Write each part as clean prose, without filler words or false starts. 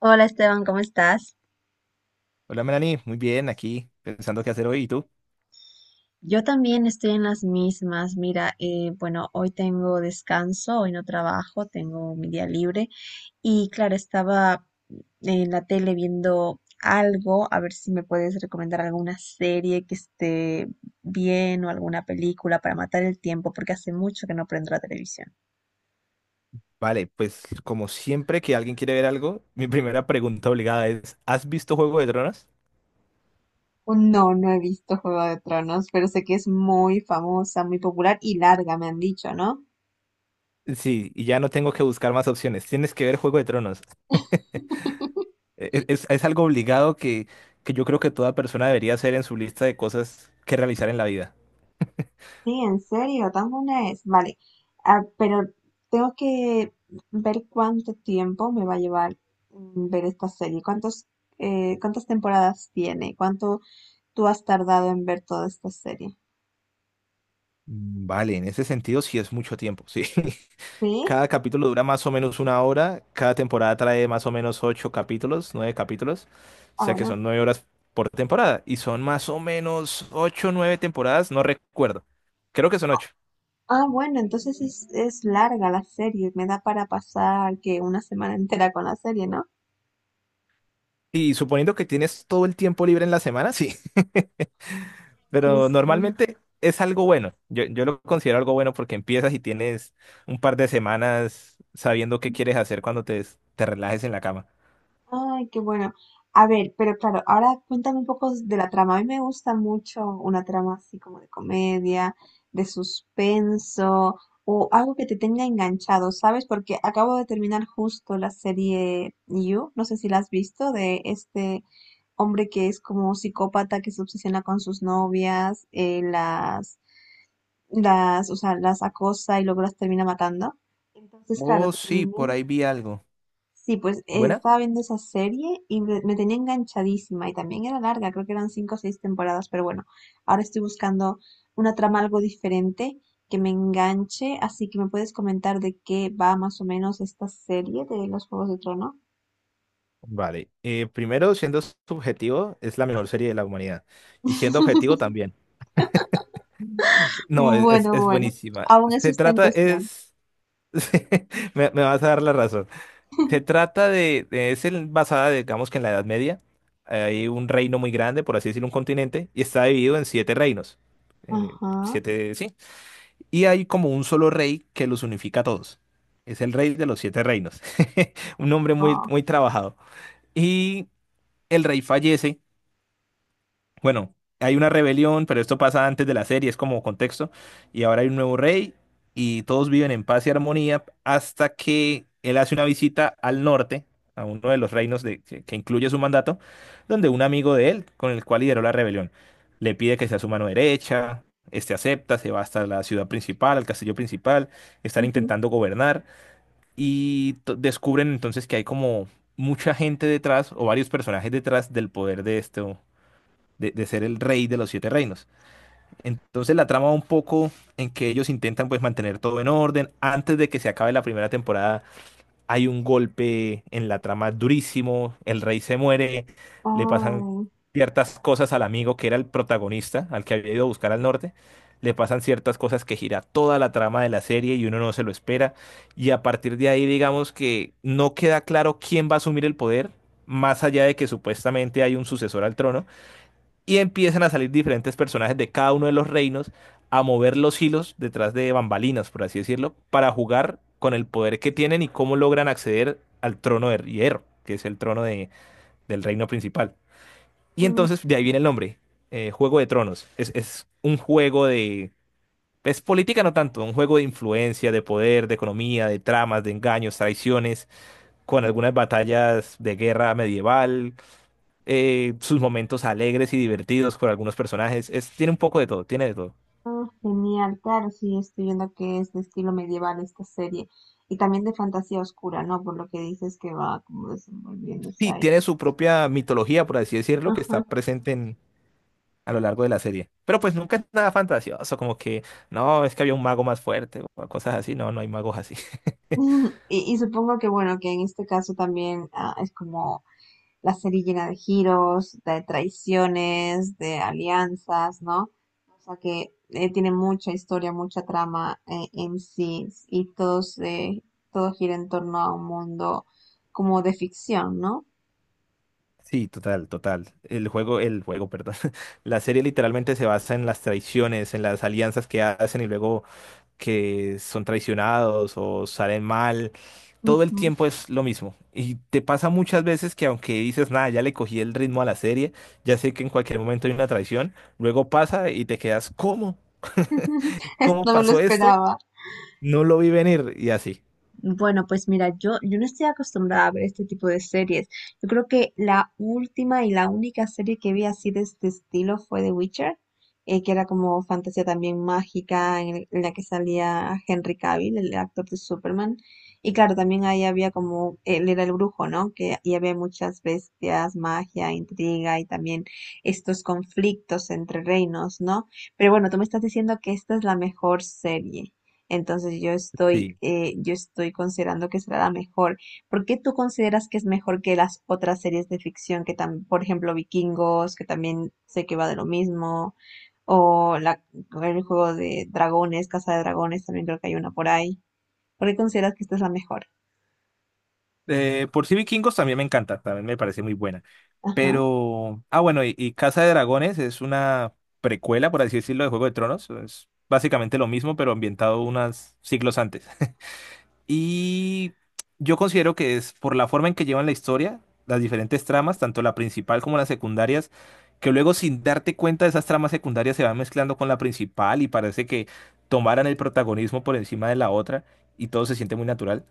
Hola Esteban, ¿cómo estás? Hola Melanie, muy bien, aquí pensando qué hacer hoy. ¿Y tú? Yo también estoy en las mismas. Mira, hoy tengo descanso, hoy no trabajo, tengo mi día libre y claro, estaba en la tele viendo algo, a ver si me puedes recomendar alguna serie que esté bien o alguna película para matar el tiempo, porque hace mucho que no prendo la televisión. Vale, pues como siempre que alguien quiere ver algo, mi primera pregunta obligada es, ¿has visto Juego de Tronos? Oh, no, no he visto Juego de Tronos, pero sé que es muy famosa, muy popular y larga, me han dicho, ¿no? Sí, y ya no tengo que buscar más opciones. Tienes que ver Juego de Tronos. Es algo obligado que yo creo que toda persona debería hacer en su lista de cosas que realizar en la vida. Sí, en serio, ¿tan buena es? Vale. Ah, pero tengo que ver cuánto tiempo me va a llevar ver esta serie, cuántos, cuántas temporadas tiene, cuánto tú has tardado en ver toda esta serie. Vale, en ese sentido sí es mucho tiempo, sí. ¿Sí? Cada capítulo dura más o menos una hora. Cada temporada trae más o menos ocho capítulos, nueve capítulos. O Ah, sea que bueno. son nueve horas por temporada. Y son más o menos ocho, o nueve temporadas, no recuerdo. Creo que son ocho. Ah, bueno, entonces es larga la serie, me da para pasar que una semana entera con la serie, ¿no? Y suponiendo que tienes todo el tiempo libre en la semana, sí. Pero Interesante. normalmente es algo bueno. Yo lo considero algo bueno porque empiezas y tienes un par de semanas sabiendo qué quieres hacer cuando te relajes en la cama. Ay, qué bueno. A ver, pero claro, ahora cuéntame un poco de la trama. A mí me gusta mucho una trama así como de comedia, de suspenso o algo que te tenga enganchado, ¿sabes? Porque acabo de terminar justo la serie You, no sé si la has visto, de este hombre que es como un psicópata que se obsesiona con sus novias, las acosa y luego las termina matando. Entonces, claro, Oh, sí, por terminé. ahí vi algo. Sí, pues ¿Buena? estaba viendo esa serie y me tenía enganchadísima y también era larga, creo que eran cinco o seis temporadas, pero bueno, ahora estoy buscando una trama algo diferente que me enganche, así que me puedes comentar de qué va más o menos esta serie de los Juegos de Trono. Vale. Primero, siendo subjetivo, es la mejor serie de la humanidad. Y siendo objetivo también. No, Bueno, es bueno, buenísima. aún eso Se está en trata, cuestión. es... Me vas a dar la razón. Se trata es el- basada, digamos que en la Edad Media. Hay un reino muy grande, por así decirlo, un continente, y está dividido en siete reinos. Ajá. Siete, sí. Y hay como un solo rey que los unifica a todos. Es el rey de los siete reinos. Un hombre muy, Ah, muy trabajado. Y el rey fallece. Bueno, hay una rebelión, pero esto pasa antes de la serie, es como contexto. Y ahora hay un nuevo rey y todos viven en paz y armonía hasta que él hace una visita al norte, a uno de los reinos de- que incluye su mandato, donde un amigo de él, con el cual lideró la rebelión, le pide que sea su mano derecha. Este acepta, se va hasta la ciudad principal, al castillo principal, están ujú. intentando gobernar y to- descubren entonces que hay como mucha gente detrás o varios personajes detrás del poder de este de ser el rey de los siete reinos. Entonces la trama va un poco en que ellos intentan pues mantener todo en orden. Antes de que se acabe la primera temporada hay un golpe en la trama durísimo, el rey se muere, le pasan ciertas cosas al amigo que era el protagonista, al que había ido a buscar al norte. Le pasan ciertas cosas que gira toda la trama de la serie y uno no se lo espera. Y a partir de ahí, digamos que no queda claro quién va a asumir el poder, más allá de que supuestamente hay un sucesor al trono y empiezan a salir diferentes personajes de cada uno de los reinos a mover los hilos detrás de bambalinas, por así decirlo, para jugar con el poder que tienen y cómo logran acceder al trono de hierro, que es el trono de- del reino principal. Y Ay. entonces de ahí viene el nombre, Juego de Tronos. Es un juego de... Es política no tanto, un juego de influencia, de poder, de economía, de tramas, de engaños, traiciones, con algunas batallas de guerra medieval, sus momentos alegres y divertidos por algunos personajes. Es, tiene un poco de todo, tiene de todo. Ah, genial, claro, sí, estoy viendo que es de estilo medieval esta serie y también de fantasía oscura, ¿no? Por lo que dices que va como desenvolviéndose Sí, ahí. tiene su propia mitología, por así decirlo, que está Ajá. presente a lo largo de la serie. Pero pues nunca es nada fantasioso, como que, no, es que había un mago más fuerte o cosas así. No, no hay magos así. Y supongo que, bueno, que en este caso también es como la serie llena de giros, de traiciones, de alianzas, ¿no? O sea que tiene mucha historia, mucha trama, en sí y todos, todo gira en torno a un mundo como de ficción, ¿no? Sí, total, total. El juego, perdón. La serie literalmente se basa en las traiciones, en las alianzas que hacen y luego que son traicionados o salen mal. Todo el Ujú. tiempo es lo mismo. Y te pasa muchas veces que aunque dices, nada, ya le cogí el ritmo a la serie, ya sé que en cualquier momento hay una traición, luego pasa y te quedas, ¿cómo? Esto ¿Cómo no me lo pasó esto? esperaba. No lo vi venir y así. Bueno, pues mira, yo no estoy acostumbrada a ver este tipo de series. Yo creo que la última y la única serie que vi así de este estilo fue The Witcher, que era como fantasía también mágica, en la que salía Henry Cavill, el actor de Superman. Y claro, también ahí había como, él era el brujo, ¿no? Que y había muchas bestias, magia, intriga y también estos conflictos entre reinos, ¿no? Pero bueno, tú me estás diciendo que esta es la mejor serie. Entonces Sí. Yo estoy considerando que será la mejor. ¿Por qué tú consideras que es mejor que las otras series de ficción que también, por ejemplo, Vikingos, que también sé que va de lo mismo, o la, el juego de dragones, Casa de Dragones, también creo que hay una por ahí? ¿Por qué consideras que esta es la mejor? Por sí Vikingos también me encanta, también me parece muy buena. Ajá. Pero, ah, bueno, y Casa de Dragones es una precuela, por así decirlo, de Juego de Tronos. Es básicamente lo mismo, pero ambientado unos siglos antes. Y yo considero que es por la forma en que llevan la historia, las diferentes tramas, tanto la principal como las secundarias, que luego sin darte cuenta esas tramas secundarias se van mezclando con la principal y parece que tomaran el protagonismo por encima de la otra y todo se siente muy natural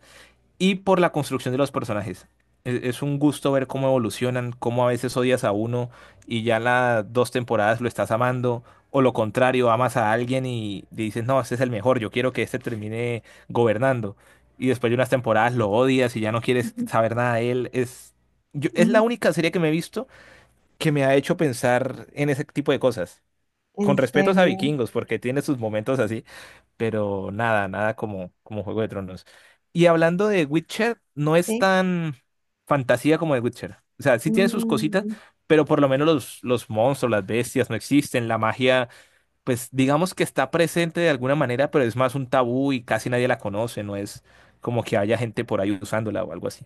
y por la construcción de los personajes. Es un gusto ver cómo evolucionan, cómo a veces odias a uno y ya las dos temporadas lo estás amando, o lo contrario, amas a alguien y dices, no, este es el mejor, yo quiero que este termine gobernando. Y después de unas temporadas lo odias y ya no quieres Ujú. saber nada de él. Es, yo- es Mm, la única serie que me he visto que me ha hecho pensar en ese tipo de cosas con ¿en respetos a serio? Vikingos, porque tiene sus momentos así, pero nada, nada como, como Juego de Tronos. Y hablando de Witcher, no es Sí. tan fantasía como de Witcher. O sea, sí tiene sus cositas, Mm. pero por lo menos los monstruos, las bestias no existen, la magia, pues digamos que está presente de alguna manera, pero es más un tabú y casi nadie la conoce, no es como que haya gente por ahí usándola o algo así.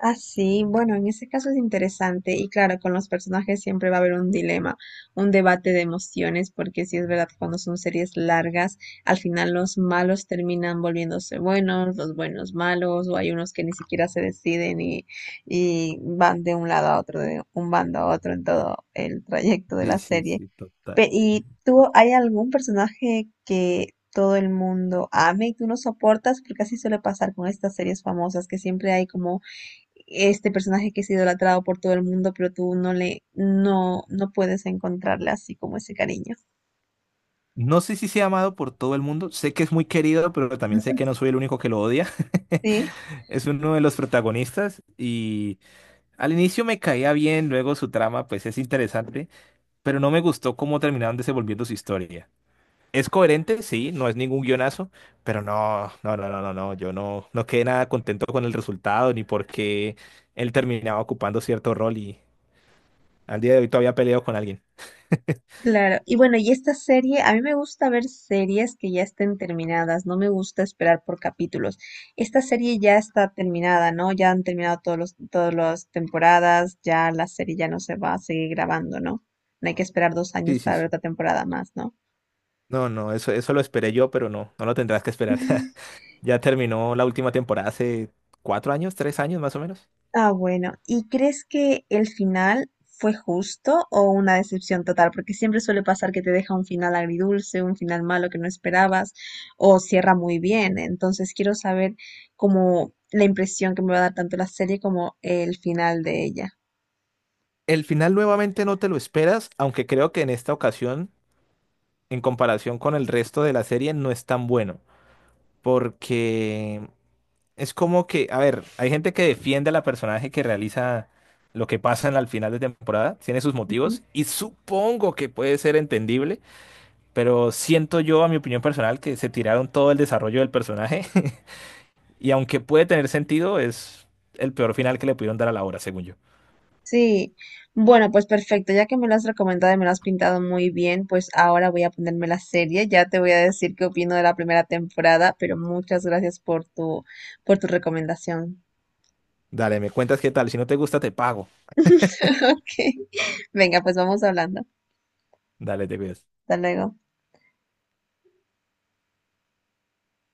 Ah, sí, bueno, en ese caso es interesante y claro, con los personajes siempre va a haber un dilema, un debate de emociones, porque sí es verdad que cuando son series largas, al final los malos terminan volviéndose buenos, los buenos malos, o hay unos que ni siquiera se deciden y van de un lado a otro, de un bando a otro en todo el trayecto de Sí, la sí, serie. sí, total. Pe- ¿y tú, hay algún personaje que todo el mundo ame y tú no soportas? Porque así suele pasar con estas series famosas que siempre hay como este personaje que es idolatrado por todo el mundo, pero tú no no puedes encontrarle así como ese cariño. No sé si sea amado por todo el mundo, sé que es muy querido, pero también sé que no Ujú. soy el único que lo odia. Sí, Es uno de los protagonistas y al inicio me caía bien, luego su trama pues es interesante, pero no me gustó cómo terminaron desenvolviendo su historia. Es coherente, sí, no es ningún guionazo, pero no, no, no, no, no, no, yo no, no quedé nada contento con el resultado ni porque él terminaba ocupando cierto rol y al día de hoy todavía peleo con alguien. claro. Y bueno, y esta serie, a mí me gusta ver series que ya estén terminadas, no me gusta esperar por capítulos. Esta serie ya está terminada, ¿no? Ya han terminado todas las temporadas, ya la serie ya no se va a seguir grabando, ¿no? No hay que esperar dos Sí, años sí, para ver sí. otra temporada más, ¿no? No, no, eso lo esperé yo, pero no, no lo tendrás que esperar. Ya terminó la última temporada hace cuatro años, tres años más o menos. Ah, bueno. ¿Y crees que el final fue justo o una decepción total? Porque siempre suele pasar que te deja un final agridulce, un final malo que no esperabas, o cierra muy bien. Entonces quiero saber como la impresión que me va a dar tanto la serie como el final de ella. El final nuevamente no te lo esperas, aunque creo que en esta ocasión, en comparación con el resto de la serie, no es tan bueno. Porque es como que, a ver, hay gente que defiende a la personaje que realiza lo que pasa en la- al final de temporada, tiene sus Ujú. motivos, y supongo que puede ser entendible, pero siento yo, a mi opinión personal, que se tiraron todo el desarrollo del personaje, y aunque puede tener sentido, es el peor final que le pudieron dar a la obra, según yo. Sí, bueno, pues perfecto, ya que me lo has recomendado y me lo has pintado muy bien, pues ahora voy a ponerme la serie, ya te voy a decir qué opino de la primera temporada, pero muchas gracias por tu recomendación. Dale, me cuentas qué tal. Si no te gusta, te pago. Ok. Venga, pues vamos hablando. Dale, te cuidas. Hasta luego.